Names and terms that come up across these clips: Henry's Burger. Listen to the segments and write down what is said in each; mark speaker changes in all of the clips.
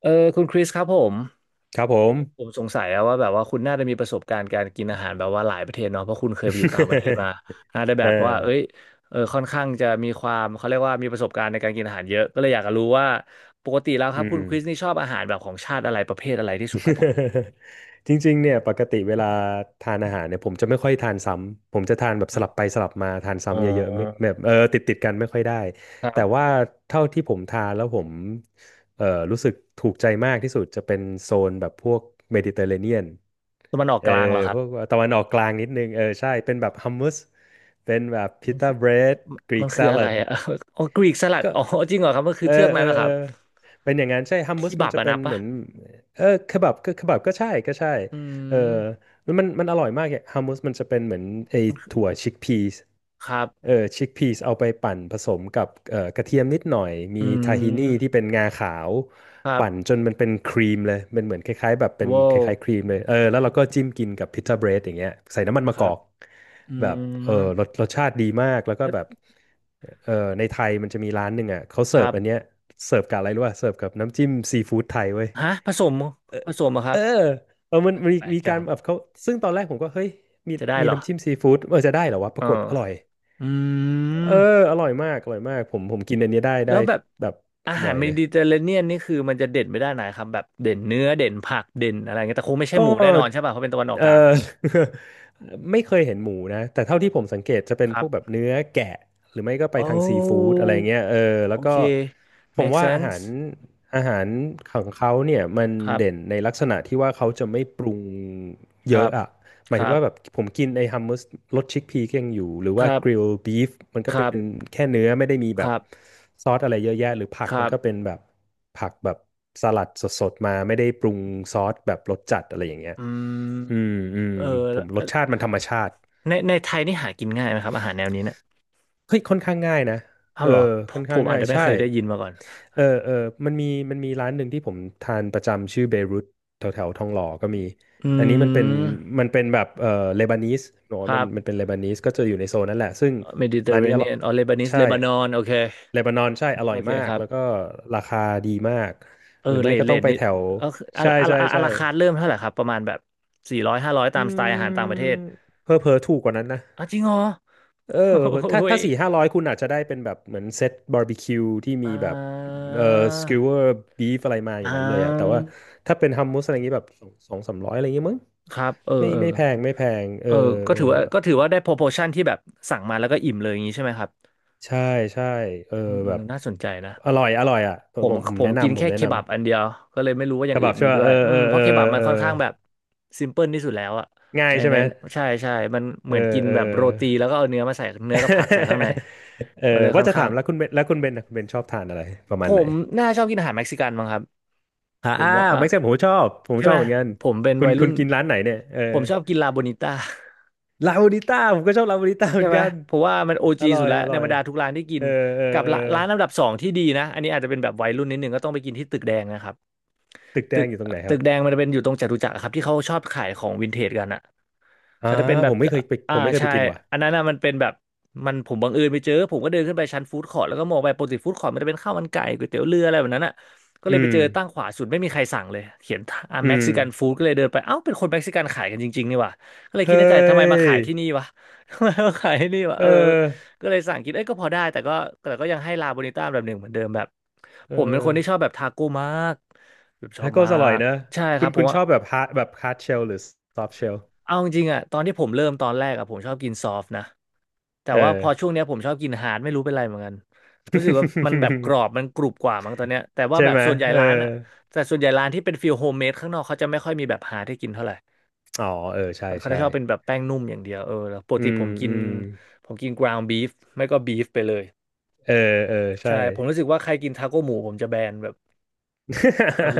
Speaker 1: เออคุณคริสครับผม
Speaker 2: ครับผม
Speaker 1: สงสัยอะว่าแบบว่าคุณน่าจะมีประสบการณ์การกินอาหารแบบว่าหลายประเทศเนาะเพราะคุณเคยไปอยู่ต่างประเทศมา น่าจะแบ
Speaker 2: เออ
Speaker 1: บว่าเอ้ยเออค่อนข้างจะมีความเขาเรียกว่ามีประสบการณ์ในการกินอาหารเยอะก็เลยอยากจะรู้ว่าปกติแล้วค
Speaker 2: อื
Speaker 1: รับคุณ
Speaker 2: ม
Speaker 1: คริสนี่ชอบอาหารแบบของชาติอะไรประเภทอะไรที่สุดครับผม
Speaker 2: จริงๆเนี่ยปกติเวลาทานอาหารเนี่ยผมจะไม่ค่อยทานซ้ำผมจะทานแบบสลับไปสลับมาทาน
Speaker 1: อ๋
Speaker 2: ซ้ำเยอะๆไม่
Speaker 1: อ
Speaker 2: แบบติดติดกันไม่ค่อยได้
Speaker 1: ค
Speaker 2: แต่
Speaker 1: รับ
Speaker 2: ว่าเท่าที่ผมทานแล้วผมเออรู้สึกถูกใจมากที่สุดจะเป็นโซนแบบพวกเมดิเตอร์เรเนียน
Speaker 1: ตะวันออก
Speaker 2: เอ
Speaker 1: ก
Speaker 2: อ
Speaker 1: ลางเหรอครั
Speaker 2: พ
Speaker 1: บ
Speaker 2: วกตะวันออกกลางนิดนึงเออใช่เป็นแบบฮัมม u สเป็นแบบพิต้าเบรดกรี
Speaker 1: มั
Speaker 2: ก
Speaker 1: น
Speaker 2: s
Speaker 1: คืออะ
Speaker 2: ลั
Speaker 1: ไร
Speaker 2: ด
Speaker 1: อะ อ๋อ กรีกสลัด
Speaker 2: ก็
Speaker 1: อ๋อจริงเหรอครับมันคื
Speaker 2: เอ
Speaker 1: อ
Speaker 2: อ
Speaker 1: เทือก
Speaker 2: เอ
Speaker 1: นั้
Speaker 2: อ
Speaker 1: นนะค
Speaker 2: เอ
Speaker 1: รั
Speaker 2: อ
Speaker 1: บ
Speaker 2: เป็นอย่างนั้นใช่ฮัมมั
Speaker 1: คี
Speaker 2: สมั
Speaker 1: บั
Speaker 2: น
Speaker 1: บ
Speaker 2: จะ
Speaker 1: อะ
Speaker 2: เป็
Speaker 1: นั
Speaker 2: น
Speaker 1: บ
Speaker 2: เห
Speaker 1: ปะ
Speaker 2: มือนเออเคบับก็เคบับก็ใช่ก็ใช่
Speaker 1: อื
Speaker 2: เออ
Speaker 1: ม
Speaker 2: แล้วมันอร่อยมากเนี่ยฮัมมูสมันจะเป็นเหมือนไอถั่วชิคพีส
Speaker 1: ครั
Speaker 2: เออ
Speaker 1: บ
Speaker 2: ชิคพีสเอาไปปั่นผสมกับกระเทียมนิดหน่อยมี
Speaker 1: อื
Speaker 2: ทาฮินี่ที่
Speaker 1: ม
Speaker 2: เป็นงาขาว
Speaker 1: ครั
Speaker 2: ปั่น
Speaker 1: บ
Speaker 2: จนมันเป็นครีมเลยเป็นเหมือนคล้ายๆแบบเป็น
Speaker 1: ว้า
Speaker 2: ค
Speaker 1: ว
Speaker 2: ล้ายๆครีมเลยแล้วเราก็จิ้มกินกับพิ t ซ a เบรดอย่างเงี้ยใส่น้ำมัน
Speaker 1: ค
Speaker 2: มะก
Speaker 1: รั
Speaker 2: อ
Speaker 1: บ
Speaker 2: ก
Speaker 1: อื
Speaker 2: แบบเอ
Speaker 1: ม
Speaker 2: อรสชาติดีมากแล้วก็แบบในไทยมันจะมีร้านหนึ่งอ่ะเขา
Speaker 1: ค
Speaker 2: เสิร์
Speaker 1: รั
Speaker 2: ฟอัน
Speaker 1: บ
Speaker 2: เนี้ยเสิร์ฟกับอะไรรู้ป่ะเสิร์ฟกับน้ำจิ้มซีฟู้ดไทยเว้ย
Speaker 1: ฮะผสมเหรอะค
Speaker 2: เอ
Speaker 1: รับ
Speaker 2: อเออมันมี
Speaker 1: แปลก
Speaker 2: มี
Speaker 1: จั
Speaker 2: การ
Speaker 1: ง
Speaker 2: แบบเขาซึ่งตอนแรกผมก็เฮ้ยมี
Speaker 1: จะได้
Speaker 2: มี
Speaker 1: เหรอ
Speaker 2: น้ำจิ้มซีฟู้ดเออจะได้เหรอวะป
Speaker 1: เอ
Speaker 2: รา
Speaker 1: อ
Speaker 2: กฏอร่อย
Speaker 1: อื
Speaker 2: เอ
Speaker 1: ม
Speaker 2: ออร่อยมากอร่อยมากผมกินอันนี้ได้
Speaker 1: แล้
Speaker 2: ได้
Speaker 1: วแบบ
Speaker 2: แบบ
Speaker 1: อาหา
Speaker 2: บ่อ
Speaker 1: ร
Speaker 2: ย
Speaker 1: เม
Speaker 2: เลย
Speaker 1: ดิเตอร์เรเนียนนี่คือมันจะเด่นไปด้านไหนครับแบบเด่นเนื้อเด่นผักเด่นอะไรเงี้ยแต่คงไม่ใช่
Speaker 2: ก็
Speaker 1: หมูแน่นอนใช่ป่ะเพราะเป็นตะวันออก
Speaker 2: เอ
Speaker 1: กลาง
Speaker 2: อ ไม่เคยเห็นหมูนะแต่เท่าที่ผมสังเกตจะเป็น
Speaker 1: ค
Speaker 2: พ
Speaker 1: รั
Speaker 2: วกแบบ
Speaker 1: บ
Speaker 2: เนื้อแกะหรือไม่ก็ไป
Speaker 1: โอ้
Speaker 2: ทางซีฟู้ดอะไรเงี้ยเออ
Speaker 1: โอ
Speaker 2: แล้ว
Speaker 1: เค
Speaker 2: ก็ผม
Speaker 1: make
Speaker 2: ว่าอา
Speaker 1: sense
Speaker 2: หารอาหารของเขาเนี่ยมัน
Speaker 1: ครับ
Speaker 2: เด่นในลักษณะที่ว่าเขาจะไม่ปรุง
Speaker 1: ค
Speaker 2: เย
Speaker 1: รั
Speaker 2: อะ
Speaker 1: บ
Speaker 2: อ่ะ ห
Speaker 1: ค
Speaker 2: มาย
Speaker 1: รั
Speaker 2: ถึง
Speaker 1: บ
Speaker 2: ว่าแบบผมกินไอ้ฮัมมัสรสชิคพีก็ยังอยู่หรือ
Speaker 1: ค
Speaker 2: ว่า
Speaker 1: รั
Speaker 2: กริล
Speaker 1: บ
Speaker 2: บีฟมัน
Speaker 1: ค
Speaker 2: ก็เป็
Speaker 1: รั
Speaker 2: น
Speaker 1: บ
Speaker 2: แค่เนื้อไม่ได้มี
Speaker 1: ค
Speaker 2: แบบ
Speaker 1: รับ
Speaker 2: ซอสอะไรเยอะแยะหรือผัก
Speaker 1: ครั
Speaker 2: มัน
Speaker 1: บ
Speaker 2: ก็เป็นแบบผักแบบสลัดสดๆมาไม่ได้ปรุงซอสแบบรสจัดอะไรอย่างเงี้ย
Speaker 1: อื
Speaker 2: อืม
Speaker 1: ม
Speaker 2: อืม
Speaker 1: เออ
Speaker 2: ผมร
Speaker 1: เอ่อ
Speaker 2: สชาติมันธรรมชาติ
Speaker 1: ในไทยนี่หากินง่ายไหมครับอาหารแนวนี้เนะ
Speaker 2: เฮ้ยค่อนข้างง่ายนะ
Speaker 1: อ้า
Speaker 2: เอ
Speaker 1: ว
Speaker 2: อ
Speaker 1: เหรอผ
Speaker 2: ค่อ
Speaker 1: ม
Speaker 2: น
Speaker 1: ผ
Speaker 2: ข้าง
Speaker 1: มอาจ
Speaker 2: ง่าย
Speaker 1: จะไม่
Speaker 2: ใช่
Speaker 1: เคยได้ยินมาก่อน
Speaker 2: เออเออมันมีมันมีร้านหนึ่งที่ผมทานประจำชื่อเบรุตแถวแถวทองหล่อก็มี
Speaker 1: อื
Speaker 2: อันนี้มันเป็น
Speaker 1: ม
Speaker 2: มันเป็นแบบเลบานีสเนาะ
Speaker 1: ค
Speaker 2: มั
Speaker 1: รั
Speaker 2: น
Speaker 1: บ
Speaker 2: มันเป็นเลบานีสก็จะอยู่ในโซนนั่นแหละซึ่ง
Speaker 1: เมดิเตอ
Speaker 2: ร้า
Speaker 1: ร์
Speaker 2: น
Speaker 1: เร
Speaker 2: นี้อ
Speaker 1: เนี
Speaker 2: ร่อย
Speaker 1: ยนอ๋อเลบานิส
Speaker 2: ใช่
Speaker 1: เลบานอนโอเค
Speaker 2: เลบานอนใช่อร่อ
Speaker 1: โอ
Speaker 2: ย
Speaker 1: เค
Speaker 2: มา
Speaker 1: ค
Speaker 2: ก
Speaker 1: รับ
Speaker 2: แล้วก็ราคาดีมาก
Speaker 1: เออ
Speaker 2: หรือ
Speaker 1: เล
Speaker 2: ไม่
Speaker 1: ท
Speaker 2: ก็ต้องไป
Speaker 1: นี่
Speaker 2: แถว
Speaker 1: เออคืออะ
Speaker 2: ใช่
Speaker 1: อะ
Speaker 2: ใช่
Speaker 1: อะอะ
Speaker 2: ใช่
Speaker 1: ราคาเริ่มเท่าไหร่ครับประมาณแบบสี่ร้อยห้าร้อยตา
Speaker 2: อื
Speaker 1: มสไตล์อาหารต่างประเท
Speaker 2: ม
Speaker 1: ศ
Speaker 2: เพอเพอๆถูกกว่านั้นนะ
Speaker 1: อ่ะจริงเหรอ
Speaker 2: เออ
Speaker 1: โ
Speaker 2: ถ้า
Speaker 1: อ้ย
Speaker 2: ถ้าสี่ห้าร้อยคุณอาจจะได้เป็นแบบเหมือนเซตบาร์บีคิวที่ มี
Speaker 1: อ่
Speaker 2: แบบ
Speaker 1: า
Speaker 2: เออสก e วเวอร์บีฟอะไรมาอ
Speaker 1: อ่
Speaker 2: ย่างนั้นเลยอะแต่ว่า
Speaker 1: า
Speaker 2: ถ้าเป็นฮัมมูสอะไรอย่างงี้แบบสองสามร้อยอะไรอย่างงี้มั้ง
Speaker 1: ครับเออ
Speaker 2: ไม่
Speaker 1: เออ
Speaker 2: ไม่แพงไม่แพงเอ
Speaker 1: เอ
Speaker 2: อ
Speaker 1: อก็
Speaker 2: เออ
Speaker 1: ถือว่าได้ proportion ที่แบบสั่งมาแล้วก็อิ่มเลยอย่างนี้ใช่ไหมครับ
Speaker 2: ใช่ใช่เออ
Speaker 1: อืมอื
Speaker 2: แบบ
Speaker 1: มน่าสนใจนะ
Speaker 2: อร่อยอร่อยอ่ะผ
Speaker 1: ผ
Speaker 2: ม
Speaker 1: ม
Speaker 2: ผมผม
Speaker 1: ผม
Speaker 2: แนะ
Speaker 1: กิน
Speaker 2: นำผ
Speaker 1: แค่
Speaker 2: มแนะ
Speaker 1: เค
Speaker 2: น
Speaker 1: บับอันเดียวก็เลยไม่รู้ว่าอ
Speaker 2: ำก
Speaker 1: ย่าง
Speaker 2: ระ
Speaker 1: อื่
Speaker 2: บับ
Speaker 1: น
Speaker 2: ใช่
Speaker 1: มี
Speaker 2: ป่ะ
Speaker 1: ด้ว
Speaker 2: เอ
Speaker 1: ย
Speaker 2: อ
Speaker 1: อื
Speaker 2: เอ
Speaker 1: ม
Speaker 2: อ
Speaker 1: เพ
Speaker 2: เอ
Speaker 1: ราะ
Speaker 2: อ
Speaker 1: เคบับมัน
Speaker 2: เออ
Speaker 1: ค่อนข้างแบบซิมเพิลที่สุดแล้วอะ
Speaker 2: ง่าย
Speaker 1: ใน
Speaker 2: ใช่
Speaker 1: ใน
Speaker 2: ไหม
Speaker 1: ใช่มันเห
Speaker 2: เอ
Speaker 1: มื
Speaker 2: อ
Speaker 1: อนกิน
Speaker 2: เออ
Speaker 1: แบบโรตีแล้วก็เอาเนื้อมาใส่เนื้อกับผักใส่ข้างใน
Speaker 2: เออ
Speaker 1: มันเลยค่
Speaker 2: ว่า
Speaker 1: อน
Speaker 2: จะ
Speaker 1: ข้า
Speaker 2: ถา
Speaker 1: ง
Speaker 2: มแล้วคุณเบนแล้วคุณเบนชอบทานอะไรประ
Speaker 1: ผ
Speaker 2: มาณไหน
Speaker 1: มน่าชอบกินอาหารเม็กซิกันมั้งครับ
Speaker 2: อ่า
Speaker 1: ผมว่าอ่ะ
Speaker 2: แม็กซ์ผมชอบผม
Speaker 1: ใช่
Speaker 2: ชอ
Speaker 1: ไห
Speaker 2: บ
Speaker 1: ม
Speaker 2: เหมือนกัน
Speaker 1: ผมเป็น
Speaker 2: คุณ
Speaker 1: วัย
Speaker 2: คุ
Speaker 1: รุ่น
Speaker 2: ณกินร้านไหนเนี่ยเออ
Speaker 1: ผมชอบกินลาโบนิต้า
Speaker 2: ลาบูดิต้าผมก็ชอบลาบูดิต้าเห
Speaker 1: ใช่
Speaker 2: มือน
Speaker 1: ไหม
Speaker 2: กัน
Speaker 1: เพราะว่ามันโอ
Speaker 2: อ
Speaker 1: จี
Speaker 2: ร่อ
Speaker 1: สุด
Speaker 2: ย
Speaker 1: แล้ว
Speaker 2: อ
Speaker 1: ใน
Speaker 2: ร่อ
Speaker 1: บ
Speaker 2: ย
Speaker 1: รรดาทุกร้านที่กิ
Speaker 2: เอ
Speaker 1: น
Speaker 2: อเออ
Speaker 1: กับ
Speaker 2: เออ
Speaker 1: ร้านอันดับสองที่ดีนะอันนี้อาจจะเป็นแบบวัยรุ่นนิดนึงก็ต้องไปกินที่ตึกแดงนะครับ
Speaker 2: ตึกแด
Speaker 1: ตึก
Speaker 2: งอยู่ตรงไหนค
Speaker 1: ตึ
Speaker 2: รับ
Speaker 1: กแดงมันจะเป็นอยู่ตรงจตุจักรอะครับที่เขาชอบขายของวินเทจกันอะ
Speaker 2: อ่า
Speaker 1: เขาจะเป็นแบ
Speaker 2: ผ
Speaker 1: บ
Speaker 2: มไม่เคยไปผ
Speaker 1: อ่า
Speaker 2: มไม่เคย
Speaker 1: ใช่
Speaker 2: ไปกินว่ะ
Speaker 1: อันนั้นนะมันเป็นแบบมันผมบังเอิญไปเจอ ผมก็เดินขึ้นไปชั้นฟู้ดคอร์ทแล้วก็มองไปปกติฟู้ดคอร์ทมันจะเป็นข้าวมันไก่ก๋วยเตี๋ยวเรืออะไรแบบนั้นอ่ะก็
Speaker 2: อื
Speaker 1: เลยไป
Speaker 2: ม
Speaker 1: เจอตั้งขวาสุดไม่มีใครสั่งเลย เขียนอ่า
Speaker 2: อื
Speaker 1: เม็ก
Speaker 2: ม
Speaker 1: ซิกันฟู้ดก็เลยเดินไปเอ้าเป็นคนเม็กซิกันขายกันจริงๆนี่หว่าก็เลยคิ
Speaker 2: เฮ้
Speaker 1: ดในใจทำไมมา
Speaker 2: ย
Speaker 1: ขายที่นี่วะ ทำไมมาขายที่นี่วะ
Speaker 2: เออ
Speaker 1: เออก็เลยสั่งกินเอ้ยก็พอได้แต่ก็ยังให้ลาโบนิต้าแบบหนึ่งเหมือนเดิมแบบ
Speaker 2: เอ
Speaker 1: ผมเป็นค
Speaker 2: อ
Speaker 1: นที่ชอบแบบทาโก้มากแบบชอ
Speaker 2: ทา
Speaker 1: บ
Speaker 2: โก้
Speaker 1: มา
Speaker 2: อร่อย
Speaker 1: ก
Speaker 2: นะ
Speaker 1: ใช่ค
Speaker 2: คุ
Speaker 1: รั
Speaker 2: ณ
Speaker 1: บผ
Speaker 2: คุ
Speaker 1: ม
Speaker 2: ณช
Speaker 1: ว่า
Speaker 2: อบแบบฮาร์ดเชลหรือซอฟ t ์เชล
Speaker 1: เอาจริงๆอ่ะตอนที่ผมเริ่มตอนแรกอ่ะผมชอบกินซอฟต์นะแต่
Speaker 2: เอ
Speaker 1: ว่าพ
Speaker 2: อ
Speaker 1: อช่วงเนี้ยผมชอบกินฮาร์ดไม่รู้เป็นไรเหมือนกันรู้สึกว่ามันแบบกรอบมันกรุบกว่ามั้งตอนเนี้ยแต่ ว่า
Speaker 2: ใช่
Speaker 1: แบบ
Speaker 2: ไหม
Speaker 1: ส่วนใหญ่
Speaker 2: เออ
Speaker 1: ร้านอ่ะแต่ส่วนใหญ่ร้านที่เป็นฟิลโฮมเมดข้างนอกเขาจะไม่ค่อยมีแบบฮาร์ดให้กินเท่าไหร่
Speaker 2: อ๋อเออใช่
Speaker 1: เขาจะ
Speaker 2: ใช่
Speaker 1: ชอบเป็นแบบแป้งนุ่มอย่างเดียวเออแล้วปก
Speaker 2: อื
Speaker 1: ติ
Speaker 2: ม
Speaker 1: ผมกิ
Speaker 2: อื
Speaker 1: น
Speaker 2: ม
Speaker 1: กราวน์บีฟไม่ก็บีฟไปเลย
Speaker 2: เออเออใช่
Speaker 1: ใช่ผมรู้สึกว่าใครกินทาโก้หมูผมจะแบนแบบ แบบ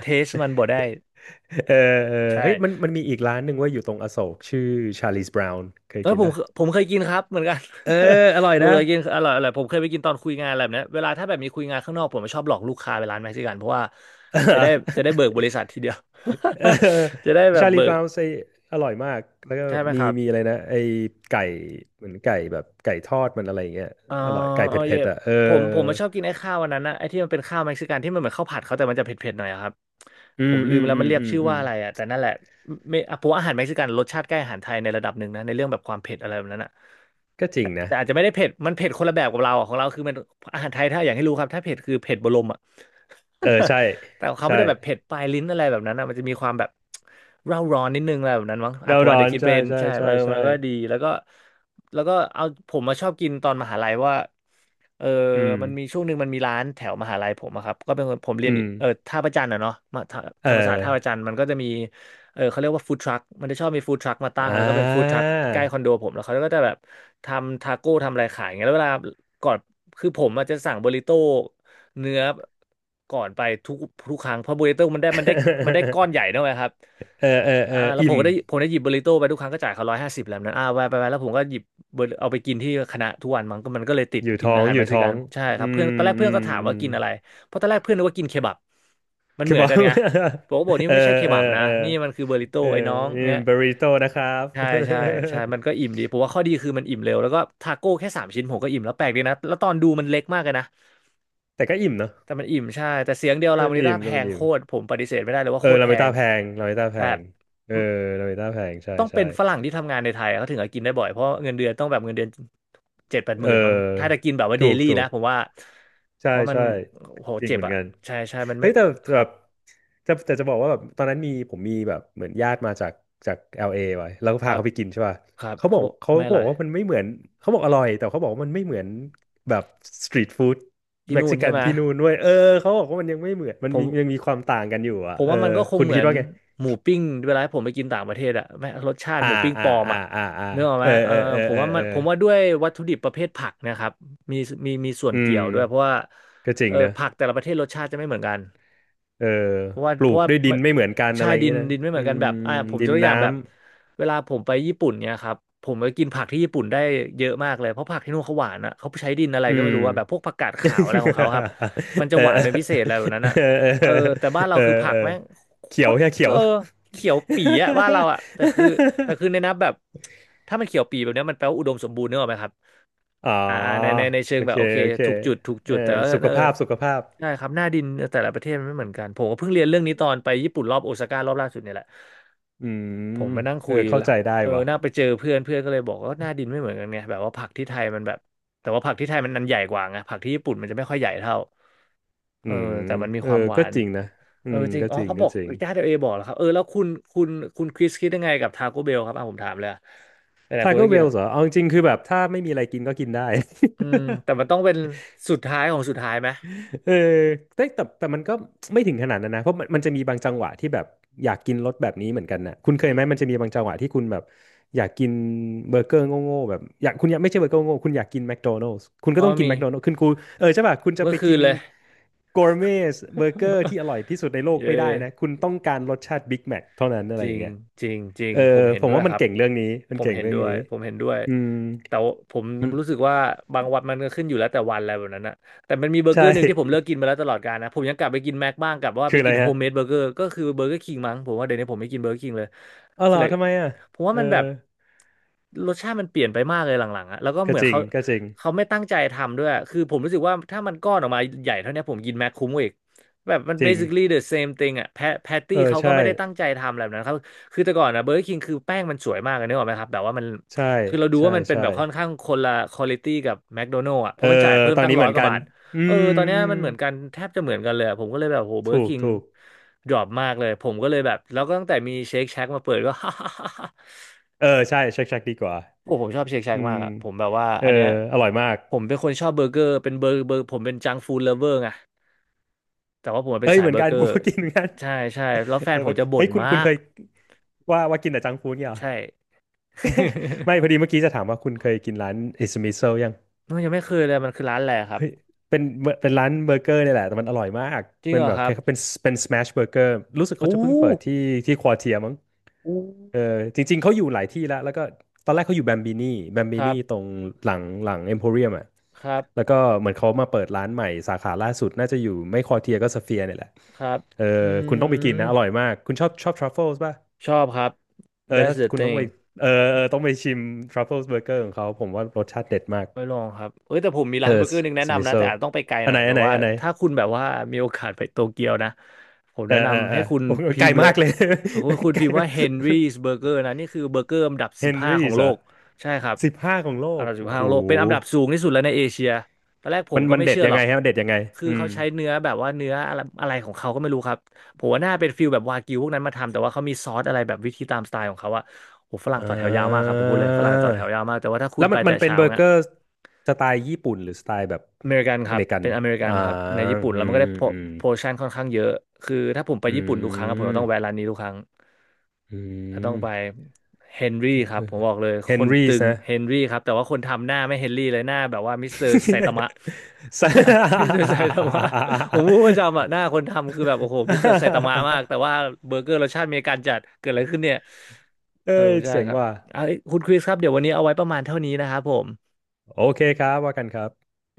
Speaker 1: เทสมันบ่ได้
Speaker 2: เออเออ
Speaker 1: ใช่
Speaker 2: เฮ้ยมันมีอีกร้านหนึ่งเว่าอยู่ตรงอโศกชื่อชาลีสบราวน์เคย
Speaker 1: แล้ว
Speaker 2: กินนะ
Speaker 1: ผมเคยกินครับเหมือนกัน
Speaker 2: เอออร่อย
Speaker 1: ผม
Speaker 2: นะ
Speaker 1: เคยกินอร่อยผมเคยไปกินตอนคุยงานอะไรแบบเนี้ยเวลาถ้าแบบมีคุยงานข้างนอกผมชอบหลอกลูกค้าไปร้านเม็กซิกันเพราะว่าจะได้จะได้เบิกบริ ษัททีเดียว
Speaker 2: เออ
Speaker 1: จะได้แบบ
Speaker 2: ชาลี
Speaker 1: เบิ
Speaker 2: บ
Speaker 1: ก
Speaker 2: ราวน์ไออร่อยมากแล้วก็
Speaker 1: ใช่ไหม
Speaker 2: มี
Speaker 1: ครับ
Speaker 2: มีอะไรนะไอไก่เหมือนไก่แบบไก่ทอดมันอะไรอย่างเงี้ย
Speaker 1: อ๋อ
Speaker 2: อร่อยไก่เผ
Speaker 1: อ๋อ
Speaker 2: ็
Speaker 1: เย่
Speaker 2: ดๆอ่ะเออ
Speaker 1: ผมมาชอบกินไอ้ข้าววันนั้นนะไอ้ที่มันเป็นข้าวเม็กซิกันที่มันเหมือนข้าวผัดเขาแต่มันจะเผ็ดๆหน่อยอะครับ
Speaker 2: อื
Speaker 1: ผม
Speaker 2: ม
Speaker 1: ลื
Speaker 2: อื
Speaker 1: ม
Speaker 2: ม
Speaker 1: แล้ว
Speaker 2: อื
Speaker 1: มัน
Speaker 2: ม
Speaker 1: เรียก
Speaker 2: อืม
Speaker 1: ชื่อ
Speaker 2: อื
Speaker 1: ว่า
Speaker 2: ม
Speaker 1: อะไรอ่ะแต่นั่นแหละไม่อ่ะผมว่าอาหารเม็กซิกันรสชาติใกล้อาหารไทยในระดับหนึ่งนะในเรื่องแบบความเผ็ดอะไรแบบนั้นอ่ะ
Speaker 2: ก็จริ
Speaker 1: แต่
Speaker 2: งนะ
Speaker 1: แต่อาจจะไม่ได้เผ็ดมันเผ็ดคนละแบบกับเราอะของเราคือมันอาหารไทยถ้าอย่างให้รู้ครับถ้าเผ็ดคือเผ็ดบะลมอะ
Speaker 2: เออใช่
Speaker 1: แต่ของเขา
Speaker 2: ใช่
Speaker 1: ไม่ได้แบบเผ็ดปลายลิ้นอะไรแบบนั้นนะมันจะมีความแบบเร่าร้อนนิดนึงอะไรแบบนั้นมั้งอ่ะ
Speaker 2: เรา
Speaker 1: ผม
Speaker 2: ร้
Speaker 1: อาจ
Speaker 2: อ
Speaker 1: จะ
Speaker 2: น
Speaker 1: คิดเป็
Speaker 2: ใช่
Speaker 1: น
Speaker 2: ใช่
Speaker 1: ใช่
Speaker 2: ใช่
Speaker 1: เออ
Speaker 2: ใช่
Speaker 1: มันก็ดีแล้วก็เอาผมมาชอบกินตอนมหาลัยว่าเออ
Speaker 2: อืม
Speaker 1: มันมีช่วงหนึ่งมันมีร้านแถวมหาลัยผมอะครับก็เป็นคนผมเรียน
Speaker 2: อืม
Speaker 1: เออท่าพระจันทร์อะเนาะมาธ
Speaker 2: เอ
Speaker 1: ธรรมศาสตร์ท่าพระจัน
Speaker 2: อ
Speaker 1: ทร์มันก็จะมีเออเขาเรียกว่าฟู้ดทรัคมันจะชอบมีฟู้ดทรัคมาตั้ง
Speaker 2: อ่
Speaker 1: แล้วก็เป็นฟู้ดทรัค
Speaker 2: า
Speaker 1: ใกล้คอนโดผมแล้วเขาก็จะแบบทำทาโก้ทำอะไรขายอย่างเงี้ยแล้วเวลาก่อนคือผมอาจจะสั่งบริโต้ เนื้อก่อนไปทุกครั้งเพราะบูริโต้มันได้ก้อนใหญ่ด้วยครับ
Speaker 2: เออเออเอ
Speaker 1: อ่า
Speaker 2: อ
Speaker 1: แล้ว
Speaker 2: อิ่ม
Speaker 1: ผมได้หยิบบูริโต้ไปทุกครั้งก็จ่ายเขา150แล้วนั้นอ่าไปไปไปแล้วผมก็หยิบ burrito เอาไปกินที่คณะทุกวันมันก็เลยติด
Speaker 2: อยู่
Speaker 1: กิน
Speaker 2: ท้อ
Speaker 1: อา
Speaker 2: ง
Speaker 1: หาร
Speaker 2: อยู่
Speaker 1: เม็กซิ
Speaker 2: ท้อ
Speaker 1: กัน
Speaker 2: ง
Speaker 1: ใช่ค
Speaker 2: อื
Speaker 1: รับเพื่อน
Speaker 2: ม
Speaker 1: ตอนแรก
Speaker 2: อื
Speaker 1: เพื่อน
Speaker 2: ม
Speaker 1: ก็ถาม
Speaker 2: อื
Speaker 1: ว่า
Speaker 2: ม
Speaker 1: กินอะไรเพราะตอนแรกเพื่อนนึกว่ากินเคบับมัน
Speaker 2: คื
Speaker 1: เห
Speaker 2: อ
Speaker 1: มือ
Speaker 2: บ
Speaker 1: น
Speaker 2: อก
Speaker 1: กันไงผมก็บอกนี่
Speaker 2: เออ
Speaker 1: ไม่ใช่เค
Speaker 2: เออ
Speaker 1: บับนะ
Speaker 2: เออ
Speaker 1: นี่มันคือเบอริโต้
Speaker 2: เออ
Speaker 1: ไอ้น้อง
Speaker 2: นี่
Speaker 1: เงี้ย
Speaker 2: บาริโต้นะครับ
Speaker 1: ใช่ใช่ใช่มันก็อิ่ มดีผมว่าข้อดีคือมันอิ่มเร็วแล้วก็ทาโก้แค่3 ชิ้นผมก็อิ่มแล้วแปลกดีนะแล้วตอนดูมันเล็กมากเลยนะ
Speaker 2: แต่ก็อิ่มเนาะ
Speaker 1: แต่มันอิ่มใช่แต่เสียงเดียวลา
Speaker 2: ถ้ามั
Speaker 1: มอ
Speaker 2: น
Speaker 1: นิ
Speaker 2: อิ่
Speaker 1: ต้า
Speaker 2: ม
Speaker 1: แพ
Speaker 2: ถ้ามัน
Speaker 1: ง
Speaker 2: อิ่
Speaker 1: โค
Speaker 2: ม
Speaker 1: ตรผมปฏิเสธไม่ได้เลยว่า
Speaker 2: เอ
Speaker 1: โค
Speaker 2: อ
Speaker 1: ตร
Speaker 2: ลา
Speaker 1: แพ
Speaker 2: เม
Speaker 1: ง
Speaker 2: ต้าแพงลาเมต้าแพ
Speaker 1: แบบ
Speaker 2: งเออลาเมต้าแพงใช่
Speaker 1: ต้อง
Speaker 2: ใช่
Speaker 1: เป็นฝรั่งที่ทำงานในไทยเขาถึงจะกินได้บ่อยเพราะเงินเดือนต้องแบบเงินเดือนเจ็ดแปดห
Speaker 2: เ
Speaker 1: มื่นบางถ้าจะ
Speaker 2: ออ
Speaker 1: กินแบบว่าเด
Speaker 2: ถูก
Speaker 1: ลี่
Speaker 2: ถู
Speaker 1: นะ
Speaker 2: ก
Speaker 1: ผมว่า
Speaker 2: ใช่
Speaker 1: เพราะมัน
Speaker 2: ใช่
Speaker 1: โห
Speaker 2: จริง
Speaker 1: เจ็บ
Speaker 2: เหมือน
Speaker 1: อ่ะ
Speaker 2: กัน
Speaker 1: ใช่ใช่มัน
Speaker 2: เฮ้
Speaker 1: ไม่
Speaker 2: ยแต่
Speaker 1: ค
Speaker 2: แบ
Speaker 1: รับ
Speaker 2: บจะแต่จะบอกว่าแบบตอนนั้นผมมีแบบเหมือนญาติมาจาก l อลเอไว้แล้วก็
Speaker 1: ค
Speaker 2: พา
Speaker 1: รับ
Speaker 2: เขาไปกินใช่ป่ะ
Speaker 1: ครับ
Speaker 2: เขาบอ
Speaker 1: เขา
Speaker 2: ก
Speaker 1: บอก
Speaker 2: เขา
Speaker 1: ไม่อ
Speaker 2: เขาบ
Speaker 1: ร่
Speaker 2: อ
Speaker 1: อ
Speaker 2: ก
Speaker 1: ย
Speaker 2: ว่ามันไม่เหมือนเขาบอกอร่อยแต่เขาบอกว่ามันไม่เหมือนแบบสตรีทฟู้ด
Speaker 1: ที่
Speaker 2: เม็ก
Speaker 1: นู่น
Speaker 2: ซิ
Speaker 1: ใช่
Speaker 2: กัน
Speaker 1: ไหม
Speaker 2: ที่นู่นด้วยเออเขาบอกว่ามันยังไม่เหมือนมัน
Speaker 1: ผ
Speaker 2: มี
Speaker 1: ม
Speaker 2: ยังมีความต่างกันอยู่
Speaker 1: ผ
Speaker 2: อ่ะ
Speaker 1: ม
Speaker 2: เออ
Speaker 1: ว่ามันก็คง
Speaker 2: คุณ
Speaker 1: เหมื
Speaker 2: คิ
Speaker 1: อ
Speaker 2: ด
Speaker 1: น
Speaker 2: ว่าไง
Speaker 1: หมูปิ้งเวลาผมไปกินต่างประเทศอะแม่งรสชาติ
Speaker 2: อ่า
Speaker 1: หมูปิ้งป
Speaker 2: อ่า
Speaker 1: ลอม
Speaker 2: อ่า
Speaker 1: อะ
Speaker 2: อ่าอ่า
Speaker 1: นึกออกไห
Speaker 2: เอ
Speaker 1: ม
Speaker 2: อ
Speaker 1: เออ
Speaker 2: เออเออ
Speaker 1: ผม
Speaker 2: เออ
Speaker 1: ว่ามั
Speaker 2: เอ
Speaker 1: น
Speaker 2: อ
Speaker 1: ผมว่าด้วยวัตถุดิบประเภทผักนะครับมีมีส่วน
Speaker 2: อื
Speaker 1: เกี่ย
Speaker 2: ม
Speaker 1: วด้วยเพราะว่า
Speaker 2: ก็จริ
Speaker 1: เอ
Speaker 2: ง
Speaker 1: อ
Speaker 2: นะ
Speaker 1: ผักแต่ละประเทศรสชาติจะไม่เหมือนกัน
Speaker 2: เออ
Speaker 1: เพราะว่า
Speaker 2: ป
Speaker 1: เพ
Speaker 2: ลู
Speaker 1: ราะ
Speaker 2: ก
Speaker 1: ว่า
Speaker 2: ด้วยดิ
Speaker 1: มั
Speaker 2: น
Speaker 1: น
Speaker 2: ไม่เหมือนกัน
Speaker 1: ใช่
Speaker 2: อะไรอย่าง
Speaker 1: ดิน
Speaker 2: เงี้ยนะ
Speaker 1: ดินไม่เหมือ
Speaker 2: อื
Speaker 1: นกันแบบอ่า
Speaker 2: ม
Speaker 1: ผมย
Speaker 2: ดิ
Speaker 1: ก
Speaker 2: น
Speaker 1: ตัวอย่างแบ
Speaker 2: น้ำ
Speaker 1: บเวลาผมไปญี่ปุ่นเนี่ยครับผมก็กินผักที่ญี่ปุ่นได้เยอะมากเลยเพราะผักที่นู่นเขาหวานอะเขาใช้ดินอะไร
Speaker 2: อื
Speaker 1: ก็ไม่
Speaker 2: ม
Speaker 1: รู้ว่าแบบพวกผักกาดขาวอะไรของเขาครับ มันจะ
Speaker 2: เอ
Speaker 1: หวานเป็นพิเศ
Speaker 2: อ
Speaker 1: ษอะไรแบบนั้นอะ
Speaker 2: เออเอ
Speaker 1: เอ
Speaker 2: อ
Speaker 1: อแต่บ้านเรา
Speaker 2: เออ
Speaker 1: คือผั
Speaker 2: เอ
Speaker 1: ก
Speaker 2: อ
Speaker 1: แม่งโค
Speaker 2: เขียว
Speaker 1: ตร
Speaker 2: แค่
Speaker 1: เก
Speaker 2: เขีย
Speaker 1: อ
Speaker 2: ว
Speaker 1: เขียวปี๋อะบ้านเราอะแต่คือแต่คือในนับแบบถ้ามันเขียวปี๋แบบเนี้ยมันแปลว่าอุดมสมบูรณ์เนกอะไหมครับ
Speaker 2: อ๋อ
Speaker 1: อ่าในเชิง
Speaker 2: โอ
Speaker 1: แบบ
Speaker 2: เค
Speaker 1: โอเค
Speaker 2: โอเค
Speaker 1: ถูกจุดถูกจุ
Speaker 2: เอ
Speaker 1: ดแต่
Speaker 2: อ
Speaker 1: ว่า
Speaker 2: สุข
Speaker 1: เออ
Speaker 2: ภาพสุขภาพ
Speaker 1: ใช่ครับหน้าดินแต่ละประเทศมันไม่เหมือนกันผมก็เพิ่งเรียนเรื่องนี้ตอนไปญี่ปุ่นรอบโอซาก้ารอบล่าสุดเนี่ยแหละ
Speaker 2: อื
Speaker 1: ผม
Speaker 2: ม
Speaker 1: มานั่ง
Speaker 2: เอ
Speaker 1: คุ
Speaker 2: อ
Speaker 1: ย
Speaker 2: เข้า
Speaker 1: แล้ว
Speaker 2: ใจได้
Speaker 1: เออ
Speaker 2: วะ
Speaker 1: นั่งไปเจอเพื่อนเพื่อนก็เลยบอกว่าหน้าดินไม่เหมือนกันไงแบบว่าผักที่ไทยมันแบบแต่ว่าผักที่ไทยมันนันใหญ่กว่าไงผักที่ญี่ปุ่นมันจะไม่ค่อยใหญ่เท่าเอ
Speaker 2: อื
Speaker 1: อ
Speaker 2: ม
Speaker 1: แต่มันมี
Speaker 2: เออ
Speaker 1: ความหวา
Speaker 2: ก็
Speaker 1: น
Speaker 2: จริงนะอื
Speaker 1: เออ
Speaker 2: ม
Speaker 1: จริง
Speaker 2: ก็
Speaker 1: อ๋อ
Speaker 2: จริง
Speaker 1: เขาบ
Speaker 2: ก็
Speaker 1: อก
Speaker 2: จริง
Speaker 1: ญาติเอบอกเหรอครับเออแล้วคุณคุณคุณคริสคิดยังไงกับทาโก้เบลครับอ่ะผมถามเลยอะหลายๆ
Speaker 2: ทา
Speaker 1: คน
Speaker 2: โก้
Speaker 1: ก็
Speaker 2: เบ
Speaker 1: กิน
Speaker 2: ล
Speaker 1: อะ
Speaker 2: เหรอเอาจริงๆคือแบบถ้าไม่มีอะไรกินก็กินได้
Speaker 1: อืมแต่ มันต้องเป็นสุดท้ายของสุดท้ายไหม
Speaker 2: เออแต่มันก็ไม่ถึงขนาดนั้นนะเพราะมันจะมีบางจังหวะที่แบบอยากกินรสแบบนี้เหมือนกันนะคุณเค
Speaker 1: อื
Speaker 2: ยไหม
Speaker 1: ม
Speaker 2: มันจะมีบางจังหวะที่คุณแบบอยากกินเบอร์เกอร์โง่ๆแบบอยากคุณอยากไม่ใช่เบอร์เกอร์โง่ๆคุณอยากกินแมคโดนัล s ์คุณ
Speaker 1: อ๋
Speaker 2: ก็
Speaker 1: อ
Speaker 2: ต้องกิน
Speaker 1: มี
Speaker 2: แมคโดนัล s ์คุณกูเออใช่ป่ะคุณจะ
Speaker 1: เมื่
Speaker 2: ไป
Speaker 1: อคื
Speaker 2: กิ
Speaker 1: น
Speaker 2: น
Speaker 1: เลย
Speaker 2: กอร์เมสเบอร์เกอร์ที่อร่อยที่สุดในโล ก
Speaker 1: เอ
Speaker 2: ไม่ได้นะคุ
Speaker 1: อ
Speaker 2: ณต้องการรสชาติบิ๊กแมคเท่านั้นอะ
Speaker 1: จ
Speaker 2: ไรอ
Speaker 1: ริ
Speaker 2: ย่าง
Speaker 1: ง
Speaker 2: เงี้ย
Speaker 1: จริงจริง
Speaker 2: เออ
Speaker 1: ผมเห็
Speaker 2: ผ
Speaker 1: น
Speaker 2: ม
Speaker 1: ด้วย
Speaker 2: ว่ามั
Speaker 1: ค
Speaker 2: น
Speaker 1: รับ
Speaker 2: เก่งเรื่องนี้มั
Speaker 1: ผ
Speaker 2: น
Speaker 1: ม
Speaker 2: เก่ง
Speaker 1: เห็น
Speaker 2: เรื่อง
Speaker 1: ด้ว
Speaker 2: นี้
Speaker 1: ยผมเห็นด้วย
Speaker 2: อืม
Speaker 1: แต่ว่าผม
Speaker 2: มัน
Speaker 1: รู้สึกว่าบางวันมันก็ขึ้นอยู่แล้วแต่วันอะไรแบบนั้นนะแต่มันมีเบอร์เก
Speaker 2: ใช่
Speaker 1: อร์หนึ่ง ที่ผมเลิกกินมาแล้วตลอดกาลนะผมยังกลับไปกินแม็กบ้างกลับว่า
Speaker 2: คื
Speaker 1: ไป
Speaker 2: ออะ
Speaker 1: กิ
Speaker 2: ไร
Speaker 1: นโฮ
Speaker 2: ฮะ
Speaker 1: มเมดเบอร์เกอร์ก็คือเบอร์เกอร์คิงมั้งผมว่าเดี๋ยวนี้ผมไม่กินเบอร์เกอร์คิงเลย
Speaker 2: อ๋อเหร
Speaker 1: feel
Speaker 2: อ
Speaker 1: like
Speaker 2: ทำไมอ่ะ
Speaker 1: ผมว่า
Speaker 2: เออ
Speaker 1: มันแบบรสชาติมันเปลี่ยนไปมากเลยหลังๆอะแล้วก็
Speaker 2: ก็
Speaker 1: เหมือน
Speaker 2: จริง
Speaker 1: เขา
Speaker 2: ก็จริง
Speaker 1: เขาไม่ตั้งใจทำด้วยคือผมรู้สึกว่าถ้ามันก้อนออกมาใหญ่เท่าเนี้ยผมกินแม็กคุ้มกว่าอีก แบบมัน
Speaker 2: จริง
Speaker 1: basically the same thing อ่ะแพตตี้
Speaker 2: เออ
Speaker 1: เขาก็
Speaker 2: ใช่
Speaker 1: ไม่ได้ตั้งใจทำแบบนั้นครับคือแต่ก่อนนะเบอร์ k i คิงคือแป้งมันสวยมากเลยนึกออกไหมครับแบบว่ามัน
Speaker 2: ใช่
Speaker 1: คือเราดู
Speaker 2: ใช่
Speaker 1: ว่ามันเป็น
Speaker 2: ใช่
Speaker 1: แบบค่อนข้างคนละควอลิตี้กับแม d โดนัล s ์อ่ะเพ
Speaker 2: เออ
Speaker 1: ราะมันจ่ายเพิ่ม
Speaker 2: ตอน
Speaker 1: ตั้ง
Speaker 2: นี้
Speaker 1: ร้
Speaker 2: เห
Speaker 1: อย
Speaker 2: มือน
Speaker 1: กว่า
Speaker 2: กัน
Speaker 1: บาท
Speaker 2: อื
Speaker 1: เออ
Speaker 2: ม
Speaker 1: ตอนเนี้ย
Speaker 2: อืม
Speaker 1: มันเหมือนกันแทบจะเหมือนกันเลยอะผมก็เลยแบบโหเบอร์ k
Speaker 2: ถู
Speaker 1: i
Speaker 2: ก
Speaker 1: คิง
Speaker 2: ถูก
Speaker 1: ดรอปมากเลยผมก็เลยแบบแล้วก็ตั้งแต่มีเชคแช c กมาเปิดก็
Speaker 2: เออใช่ชักดีกว่า
Speaker 1: โอ้ผมชอบเชคแช a ก
Speaker 2: อื
Speaker 1: มา
Speaker 2: ม
Speaker 1: กอะผมแบบว่า
Speaker 2: เออ
Speaker 1: อันเนี้ย
Speaker 2: อร่อยมาก
Speaker 1: ผมเป็นคนชอบเบอร์เกอร์เป็นเบอร์ผมเป็นจังฟู้ดเลเวอร์ไง แต่ว่าผมเป็
Speaker 2: เอ้
Speaker 1: น
Speaker 2: ย
Speaker 1: สาย
Speaker 2: เหมือ
Speaker 1: เบ
Speaker 2: น
Speaker 1: อ
Speaker 2: กั
Speaker 1: ร์
Speaker 2: น
Speaker 1: เกอ
Speaker 2: ผม
Speaker 1: ร์
Speaker 2: ก็กินเหมือนกัน
Speaker 1: ใช่ใช่แล้วแฟ
Speaker 2: เอ
Speaker 1: น
Speaker 2: อ
Speaker 1: ผมจะบ่
Speaker 2: เฮ้
Speaker 1: น
Speaker 2: ยคุณ
Speaker 1: มา
Speaker 2: คุณเค
Speaker 1: ก
Speaker 2: ยว่ากินแต่จังก์ฟู้ดเนี่ยเหรอ
Speaker 1: ใช่
Speaker 2: ไม่พอดี เมื่อกี้จะถามว่าคุณเคยกินร้านอิสมิโซยัง
Speaker 1: น้องยังไม่เคยเลยมันคือร้านอะไรครับ
Speaker 2: เฮ้ยเป็นเป็นร้านเบอร์เกอร์เนี่ยแหละแต่มันอร่อยมาก
Speaker 1: จริง
Speaker 2: เป็น
Speaker 1: เหรอ
Speaker 2: แบบ
Speaker 1: ค
Speaker 2: ค
Speaker 1: รับ
Speaker 2: ล้ายๆเป็นสแมชเบอร์เกอร์รู้สึกเขา
Speaker 1: อู้
Speaker 2: จะเพิ่งเปิดที่ที่ควอเทียมั้ง
Speaker 1: อู้
Speaker 2: เออจริงๆเขาอยู่หลายที่แล้ว แล้วก็ตอนแรกเขาอยู่แบมบินี่แบมบิ
Speaker 1: ครั
Speaker 2: นี่ตร
Speaker 1: บ
Speaker 2: งหลังเอ็มโพเรียมอ่ะ
Speaker 1: ครับ
Speaker 2: แล้วก็เหมือนเขามาเปิดร้านใหม่สาขาล่าสุดน่าจะอยู่ไม่คอเทียก็สเฟียร์เนี่ยแหละ
Speaker 1: ครับ
Speaker 2: เออ
Speaker 1: อื
Speaker 2: คุณต้องไปกิน
Speaker 1: ม
Speaker 2: นะอร่อยมากคุณชอบทรัฟเฟิลส์ป่ะ
Speaker 1: ชอบครับ
Speaker 2: เออ
Speaker 1: that's
Speaker 2: ถ้า
Speaker 1: the
Speaker 2: คุณต้อง
Speaker 1: thing
Speaker 2: ไปเออเออต้องไปชิมทรัฟเฟิลส์เบอร์เกอร์ของเขาผมว่ารสชาติเด็ดมาก
Speaker 1: ไม่ลองครับเอ้ยแต่ผมมี
Speaker 2: เอ
Speaker 1: ร้า
Speaker 2: อ
Speaker 1: นเบอร์เกอร์หนึงแนะ
Speaker 2: สมิ
Speaker 1: นำนะ
Speaker 2: โซ
Speaker 1: แต่อาจต้องไปไกลหน่อยแบบว่า
Speaker 2: อันไหน
Speaker 1: ถ้าคุณแบบว่ามีโอกาสไปโตเกียวนะผม
Speaker 2: เอ
Speaker 1: แนะ
Speaker 2: อเออ
Speaker 1: นำ
Speaker 2: เอ
Speaker 1: ให้
Speaker 2: อ
Speaker 1: คุณ
Speaker 2: โอ้โห
Speaker 1: พิ
Speaker 2: ไกล
Speaker 1: มพ์เล
Speaker 2: มา
Speaker 1: ย
Speaker 2: กเลย
Speaker 1: คุณ
Speaker 2: ไกล
Speaker 1: พิมพ์ว่า Henry's Burger นะนี่คือเบอร์เกอร์อันดับ
Speaker 2: เฮ
Speaker 1: สิบ
Speaker 2: น
Speaker 1: ห้าข
Speaker 2: รี่
Speaker 1: อง
Speaker 2: ส
Speaker 1: โล
Speaker 2: อะ
Speaker 1: กใช่ครับ
Speaker 2: สิบห้าของโล
Speaker 1: อัน
Speaker 2: ก
Speaker 1: ดับสิบ
Speaker 2: โอ้
Speaker 1: ห้า
Speaker 2: โห
Speaker 1: ของโลกเป็นอันดับสูงที่สุดแล้วในเอเชียตอนแรกผ
Speaker 2: มั
Speaker 1: ม
Speaker 2: น
Speaker 1: ก็
Speaker 2: มัน
Speaker 1: ไม่
Speaker 2: เด็ด
Speaker 1: เชื่อ
Speaker 2: ยั
Speaker 1: หร
Speaker 2: ง
Speaker 1: อ
Speaker 2: ไง
Speaker 1: ก
Speaker 2: ฮะมันเด็ดยังไง
Speaker 1: คือ
Speaker 2: อื
Speaker 1: เขา
Speaker 2: ม
Speaker 1: ใช้เนื้อแบบว่าเนื้ออะไรอะไรของเขาก็ไม่รู้ครับผมว่าน่าเป็นฟิลแบบวากิวพวกนั้นมาทำแต่ว่าเขามีซอสอะไรแบบวิธีตามสไตล์ของเขาอะโอ้ฝรั่ง
Speaker 2: อ่
Speaker 1: ต่อแถวยาวมากครับผมพูดเลยฝรั่ง
Speaker 2: า
Speaker 1: ต่อแถวยาวมากแต่ว่าถ้าคุ
Speaker 2: แล้
Speaker 1: ณ
Speaker 2: ว
Speaker 1: ไป
Speaker 2: มันมั
Speaker 1: แต่
Speaker 2: นเป็น
Speaker 1: เช้า
Speaker 2: เบอร์
Speaker 1: เนี่
Speaker 2: เก
Speaker 1: ย
Speaker 2: อร์สไตล์ญี่ปุ่นหรือสไตล์แบบ
Speaker 1: อเมริกันค
Speaker 2: อ
Speaker 1: รั
Speaker 2: เม
Speaker 1: บ
Speaker 2: ริกัน
Speaker 1: เป็นอเมริกัน
Speaker 2: อ่า
Speaker 1: ครับในญี่ปุ่นแล้
Speaker 2: อื
Speaker 1: วมัน
Speaker 2: ม
Speaker 1: ก็ได้
Speaker 2: อืม
Speaker 1: โพชั่นค่อนข้างเยอะคือถ้าผมไป
Speaker 2: อื
Speaker 1: ญี่ปุ่นทุกครั้งอะผมจะ
Speaker 2: ม
Speaker 1: ต้องแวะร้านนี้ทุกครั้ง
Speaker 2: อื
Speaker 1: จะต้องไป
Speaker 2: ม
Speaker 1: เฮนรี่ครับผมบอกเลย
Speaker 2: เฮ
Speaker 1: ค
Speaker 2: น
Speaker 1: น
Speaker 2: รี่
Speaker 1: ตึง
Speaker 2: นะ
Speaker 1: เฮนรี่ครับแต่ว่าคนทำหน้าไม่เฮนรี่เลยหน้าแบบว่ามิสเตอร์ไซตามะ
Speaker 2: ส
Speaker 1: หน้า มิส เตอร์ไซตามะผมพูดประจำอะหน้าคนทำคือแบบโอ้โหมิสเตอร์ไซตามะมากแต่ว่าเบอร์เกอร์รสชาติอเมริกันจัดเกิดอะไรขึ้นเนี่ย
Speaker 2: เอ้
Speaker 1: เออ
Speaker 2: ย
Speaker 1: ใช่
Speaker 2: เจ๋ง
Speaker 1: ครับ
Speaker 2: ว่ะ
Speaker 1: เอาคุณคริสครับเดี๋ยววันนี้เอาไว้ประมาณเท่านี้นะครับผม
Speaker 2: โอเคครับว่ากันครับ